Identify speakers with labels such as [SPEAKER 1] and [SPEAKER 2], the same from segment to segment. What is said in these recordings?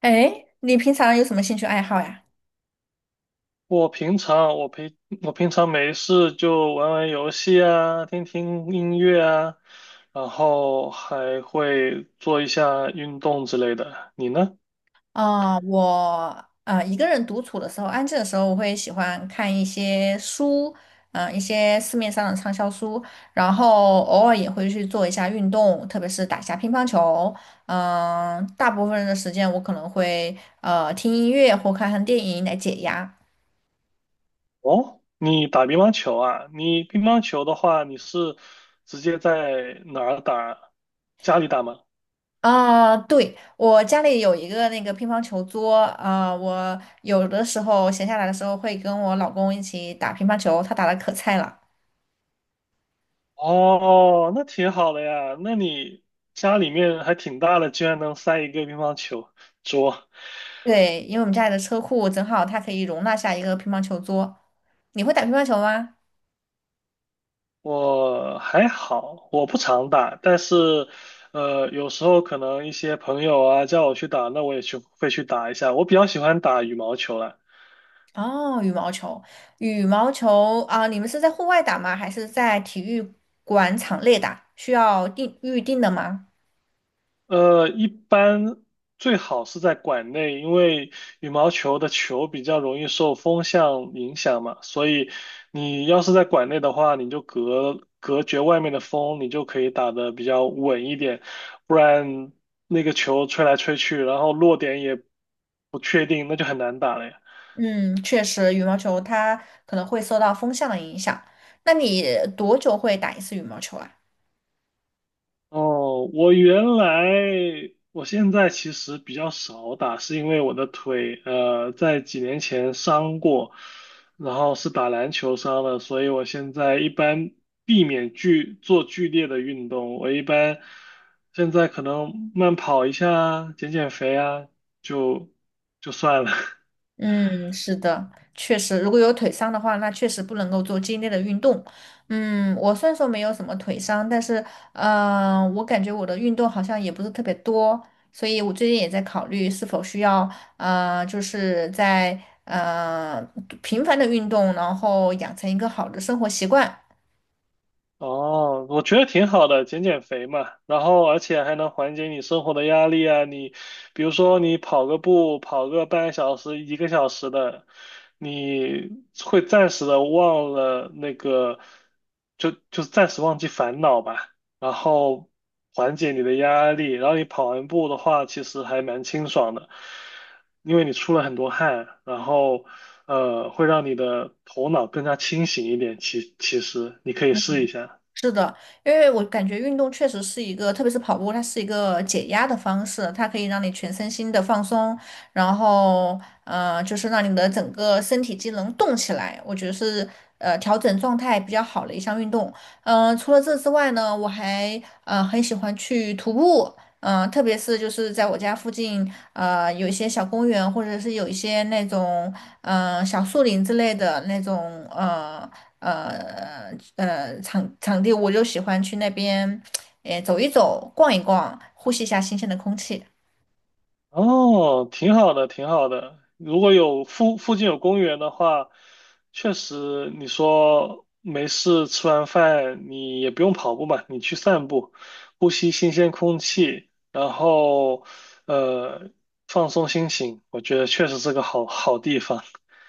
[SPEAKER 1] 哎，你平常有什么兴趣爱好呀？
[SPEAKER 2] 我平常我平我平常没事就玩玩游戏啊，听听音乐啊，然后还会做一下运动之类的。你呢？
[SPEAKER 1] 我啊、一个人独处的时候，安静的时候，我会喜欢看一些书，一些市面上的畅销书，然后偶尔也会去做一下运动，特别是打一下乒乓球。嗯、大部分的时间我可能会听音乐或看看电影来解压。
[SPEAKER 2] 哦，你打乒乓球啊？你乒乓球的话，你是直接在哪儿打？家里打吗？
[SPEAKER 1] 啊、对，我家里有一个那个乒乓球桌，啊、我有的时候闲下来的时候会跟我老公一起打乒乓球，他打的可菜了。
[SPEAKER 2] 哦，那挺好的呀。那你家里面还挺大的，居然能塞一个乒乓球桌。
[SPEAKER 1] 对，因为我们家里的车库正好它可以容纳下一个乒乓球桌。你会打乒乓球吗？
[SPEAKER 2] 我还好，我不常打，但是，有时候可能一些朋友啊叫我去打，那我也会去打一下。我比较喜欢打羽毛球啦。
[SPEAKER 1] 哦，羽毛球，羽毛球啊，你们是在户外打吗？还是在体育馆场内打？需要定预定的吗？
[SPEAKER 2] 一般最好是在馆内，因为羽毛球的球比较容易受风向影响嘛，所以你要是在馆内的话，你就隔绝外面的风，你就可以打得比较稳一点，不然那个球吹来吹去，然后落点也不确定，那就很难打了呀。
[SPEAKER 1] 嗯，确实，羽毛球它可能会受到风向的影响。那你多久会打一次羽毛球啊？
[SPEAKER 2] 哦，我原来，我现在其实比较少打，是因为我的腿，在几年前伤过，然后是打篮球伤了，所以我现在一般避免剧烈的运动，我一般现在可能慢跑一下啊减减肥啊，就就算了。
[SPEAKER 1] 嗯，是的，确实，如果有腿伤的话，那确实不能够做激烈的运动。嗯，我虽然说没有什么腿伤，但是，嗯、我感觉我的运动好像也不是特别多，所以我最近也在考虑是否需要，就是在呃频繁的运动，然后养成一个好的生活习惯。
[SPEAKER 2] 哦，我觉得挺好的，减减肥嘛，然后而且还能缓解你生活的压力啊。你比如说你跑个步，跑个半个小时、一个小时的，你会暂时的忘了那个，就暂时忘记烦恼吧，然后缓解你的压力。然后你跑完步的话，其实还蛮清爽的，因为你出了很多汗，然后会让你的头脑更加清醒一点。其实你可以试一下。
[SPEAKER 1] 是的，因为我感觉运动确实是一个，特别是跑步，它是一个解压的方式，它可以让你全身心的放松，然后就是让你的整个身体机能动起来，我觉得是调整状态比较好的一项运动。嗯、除了这之外呢，我还很喜欢去徒步，嗯、特别是就是在我家附近，有一些小公园，或者是有一些那种。嗯，小树林之类的那种呃场地，我就喜欢去那边，诶走一走，逛一逛，呼吸一下新鲜的空气。
[SPEAKER 2] 哦，挺好的，挺好的。如果有附近有公园的话，确实你说没事吃完饭，你也不用跑步嘛，你去散步，呼吸新鲜空气，然后呃放松心情，我觉得确实是个好地方。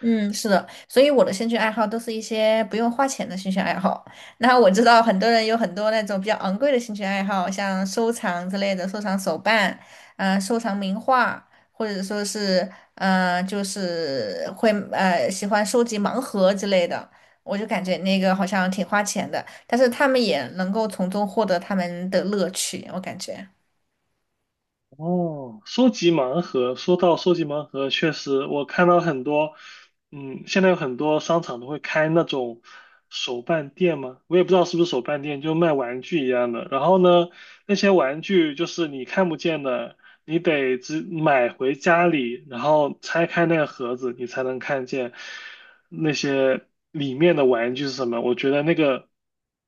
[SPEAKER 1] 嗯，是的，所以我的兴趣爱好都是一些不用花钱的兴趣爱好。那我知道很多人有很多那种比较昂贵的兴趣爱好，像收藏之类的，收藏手办，嗯，收藏名画，或者说是，嗯、就是会喜欢收集盲盒之类的。我就感觉那个好像挺花钱的，但是他们也能够从中获得他们的乐趣，我感觉。
[SPEAKER 2] 哦，收集盲盒，说到收集盲盒，确实我看到很多，嗯，现在有很多商场都会开那种手办店嘛，我也不知道是不是手办店，就卖玩具一样的。然后呢，那些玩具就是你看不见的，你得只买回家里，然后拆开那个盒子，你才能看见。那些里面的玩具是什么？我觉得那个，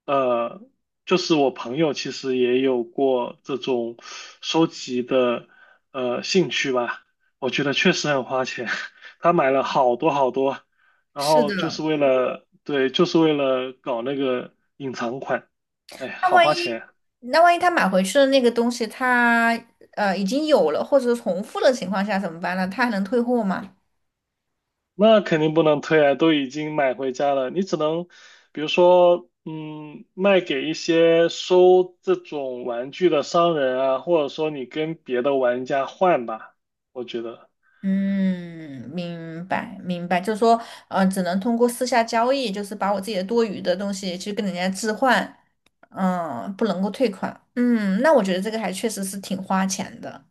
[SPEAKER 2] 呃，就是我朋友其实也有过这种收集的兴趣吧。我觉得确实很花钱，他买了好多好多，然
[SPEAKER 1] 是
[SPEAKER 2] 后就是
[SPEAKER 1] 的，
[SPEAKER 2] 为了，对，就是为了搞那个隐藏款，哎，
[SPEAKER 1] 那
[SPEAKER 2] 好
[SPEAKER 1] 万
[SPEAKER 2] 花钱
[SPEAKER 1] 一
[SPEAKER 2] 啊。
[SPEAKER 1] 那万一他买回去的那个东西他已经有了或者重复的情况下怎么办呢？他还能退货吗？
[SPEAKER 2] 那肯定不能退啊，都已经买回家了，你只能，比如说，嗯，卖给一些收这种玩具的商人啊，或者说你跟别的玩家换吧，我觉得。
[SPEAKER 1] 嗯，明白明白，就是说，只能通过私下交易，就是把我自己的多余的东西去跟人家置换，嗯，不能够退款。嗯，那我觉得这个还确实是挺花钱的。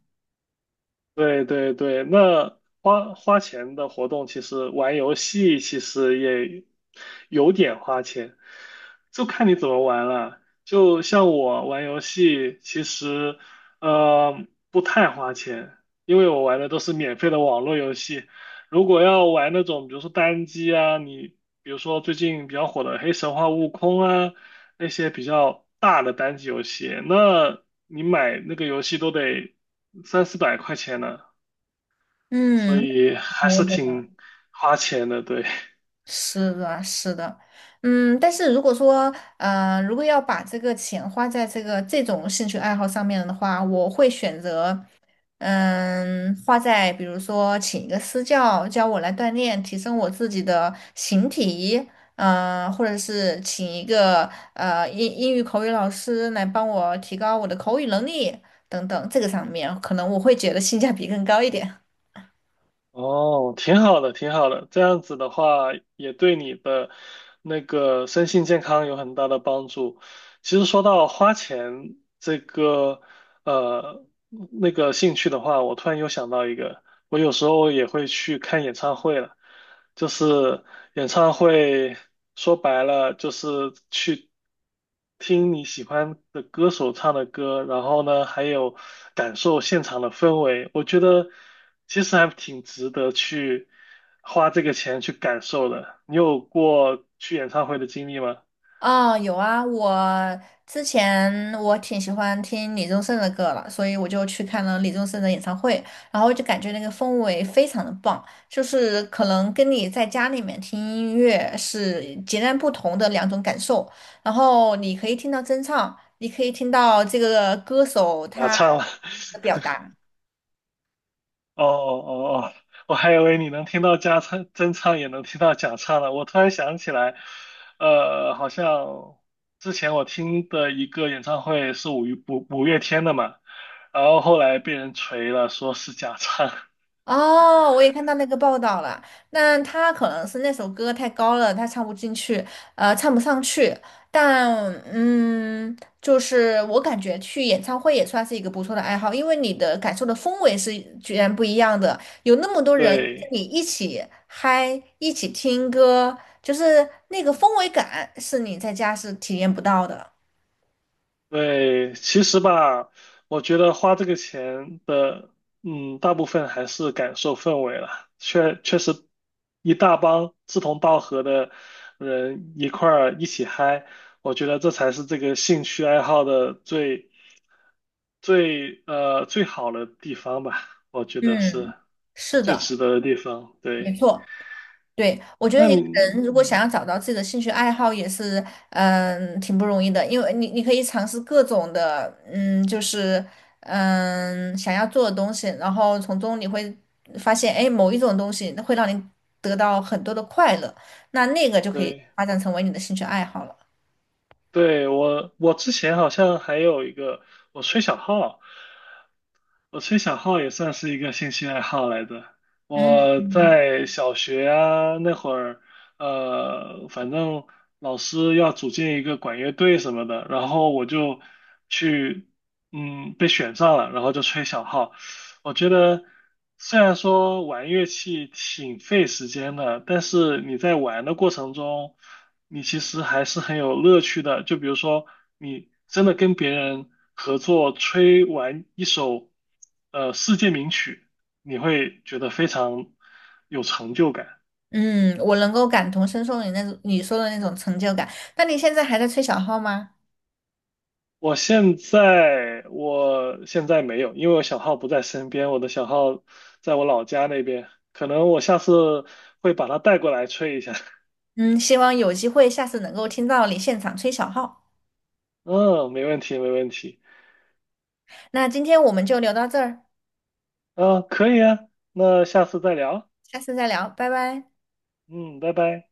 [SPEAKER 2] 对对对，那花钱的活动，其实玩游戏其实也有点花钱，就看你怎么玩了。就像我玩游戏，其实呃不太花钱，因为我玩的都是免费的网络游戏。如果要玩那种，比如说单机啊，你比如说最近比较火的《黑神话：悟空》啊，那些比较大的单机游戏，那你买那个游戏都得三四百块钱呢，所
[SPEAKER 1] 嗯，
[SPEAKER 2] 以还是挺花钱的，对。
[SPEAKER 1] 是的，是的，嗯，但是如果说，如果要把这个钱花在这个这种兴趣爱好上面的话，我会选择，嗯，花在比如说请一个私教教我来锻炼，提升我自己的形体，嗯、或者是请一个英语口语老师来帮我提高我的口语能力等等，这个上面可能我会觉得性价比更高一点。
[SPEAKER 2] 哦，挺好的，挺好的。这样子的话，也对你的那个身心健康有很大的帮助。其实说到花钱这个呃那个兴趣的话，我突然又想到一个，我有时候也会去看演唱会了。就是演唱会，说白了就是去听你喜欢的歌手唱的歌，然后呢，还有感受现场的氛围。我觉得其实还挺值得去花这个钱去感受的。你有过去演唱会的经历吗？
[SPEAKER 1] 啊，有啊，我之前我挺喜欢听李宗盛的歌了，所以我就去看了李宗盛的演唱会，然后就感觉那个氛围非常的棒，就是可能跟你在家里面听音乐是截然不同的两种感受，然后你可以听到真唱，你可以听到这个歌手
[SPEAKER 2] 假
[SPEAKER 1] 他
[SPEAKER 2] 唱了。
[SPEAKER 1] 的表达。
[SPEAKER 2] 哦哦哦，我还以为你能听到加唱真唱，也能听到假唱呢。我突然想起来，好像之前我听的一个演唱会是五月天的嘛，然后后来被人锤了，说是假唱。
[SPEAKER 1] 哦，我也看到那个报道了。那他可能是那首歌太高了，他唱不进去，唱不上去。但嗯，就是我感觉去演唱会也算是一个不错的爱好，因为你的感受的氛围是居然不一样的。有那么多 人跟
[SPEAKER 2] 对，
[SPEAKER 1] 你一起嗨，一起听歌，就是那个氛围感是你在家是体验不到的。
[SPEAKER 2] 对，其实吧，我觉得花这个钱的，嗯，大部分还是感受氛围了。确实，一大帮志同道合的人一块儿一起嗨，我觉得这才是这个兴趣爱好的最好的地方吧。我觉得是
[SPEAKER 1] 嗯，是
[SPEAKER 2] 最
[SPEAKER 1] 的，
[SPEAKER 2] 值得的地方。
[SPEAKER 1] 没
[SPEAKER 2] 对，
[SPEAKER 1] 错。对，我觉得
[SPEAKER 2] 那
[SPEAKER 1] 一
[SPEAKER 2] 你，
[SPEAKER 1] 个人如果想
[SPEAKER 2] 嗯，
[SPEAKER 1] 要找到自己的兴趣爱好，也是挺不容易的，因为你可以尝试各种的，嗯，就是想要做的东西，然后从中你会发现，哎，某一种东西会让你得到很多的快乐，那个就可以
[SPEAKER 2] 对。
[SPEAKER 1] 发展成为你的兴趣爱好了。
[SPEAKER 2] 对，我之前好像还有一个，我吹小号，我吹小号也算是一个兴趣爱好来的。
[SPEAKER 1] 嗯
[SPEAKER 2] 我在小学啊那会儿，反正老师要组建一个管乐队什么的，然后我就去，嗯，被选上了，然后就吹小号。我觉得虽然说玩乐器挺费时间的，但是你在玩的过程中，你其实还是很有乐趣的。就比如说，你真的跟别人合作吹完一首世界名曲，你会觉得非常有成就感。
[SPEAKER 1] 嗯，我能够感同身受你那种你说的那种成就感。那你现在还在吹小号吗？
[SPEAKER 2] 我现在没有，因为我小号不在身边，我的小号在我老家那边，可能我下次会把它带过来吹一下。
[SPEAKER 1] 嗯，希望有机会下次能够听到你现场吹小号。
[SPEAKER 2] 嗯，没问题，没问题。
[SPEAKER 1] 那今天我们就聊到这儿。
[SPEAKER 2] 嗯，可以啊，那下次再聊。
[SPEAKER 1] 下次再聊，拜拜。
[SPEAKER 2] 嗯，拜拜。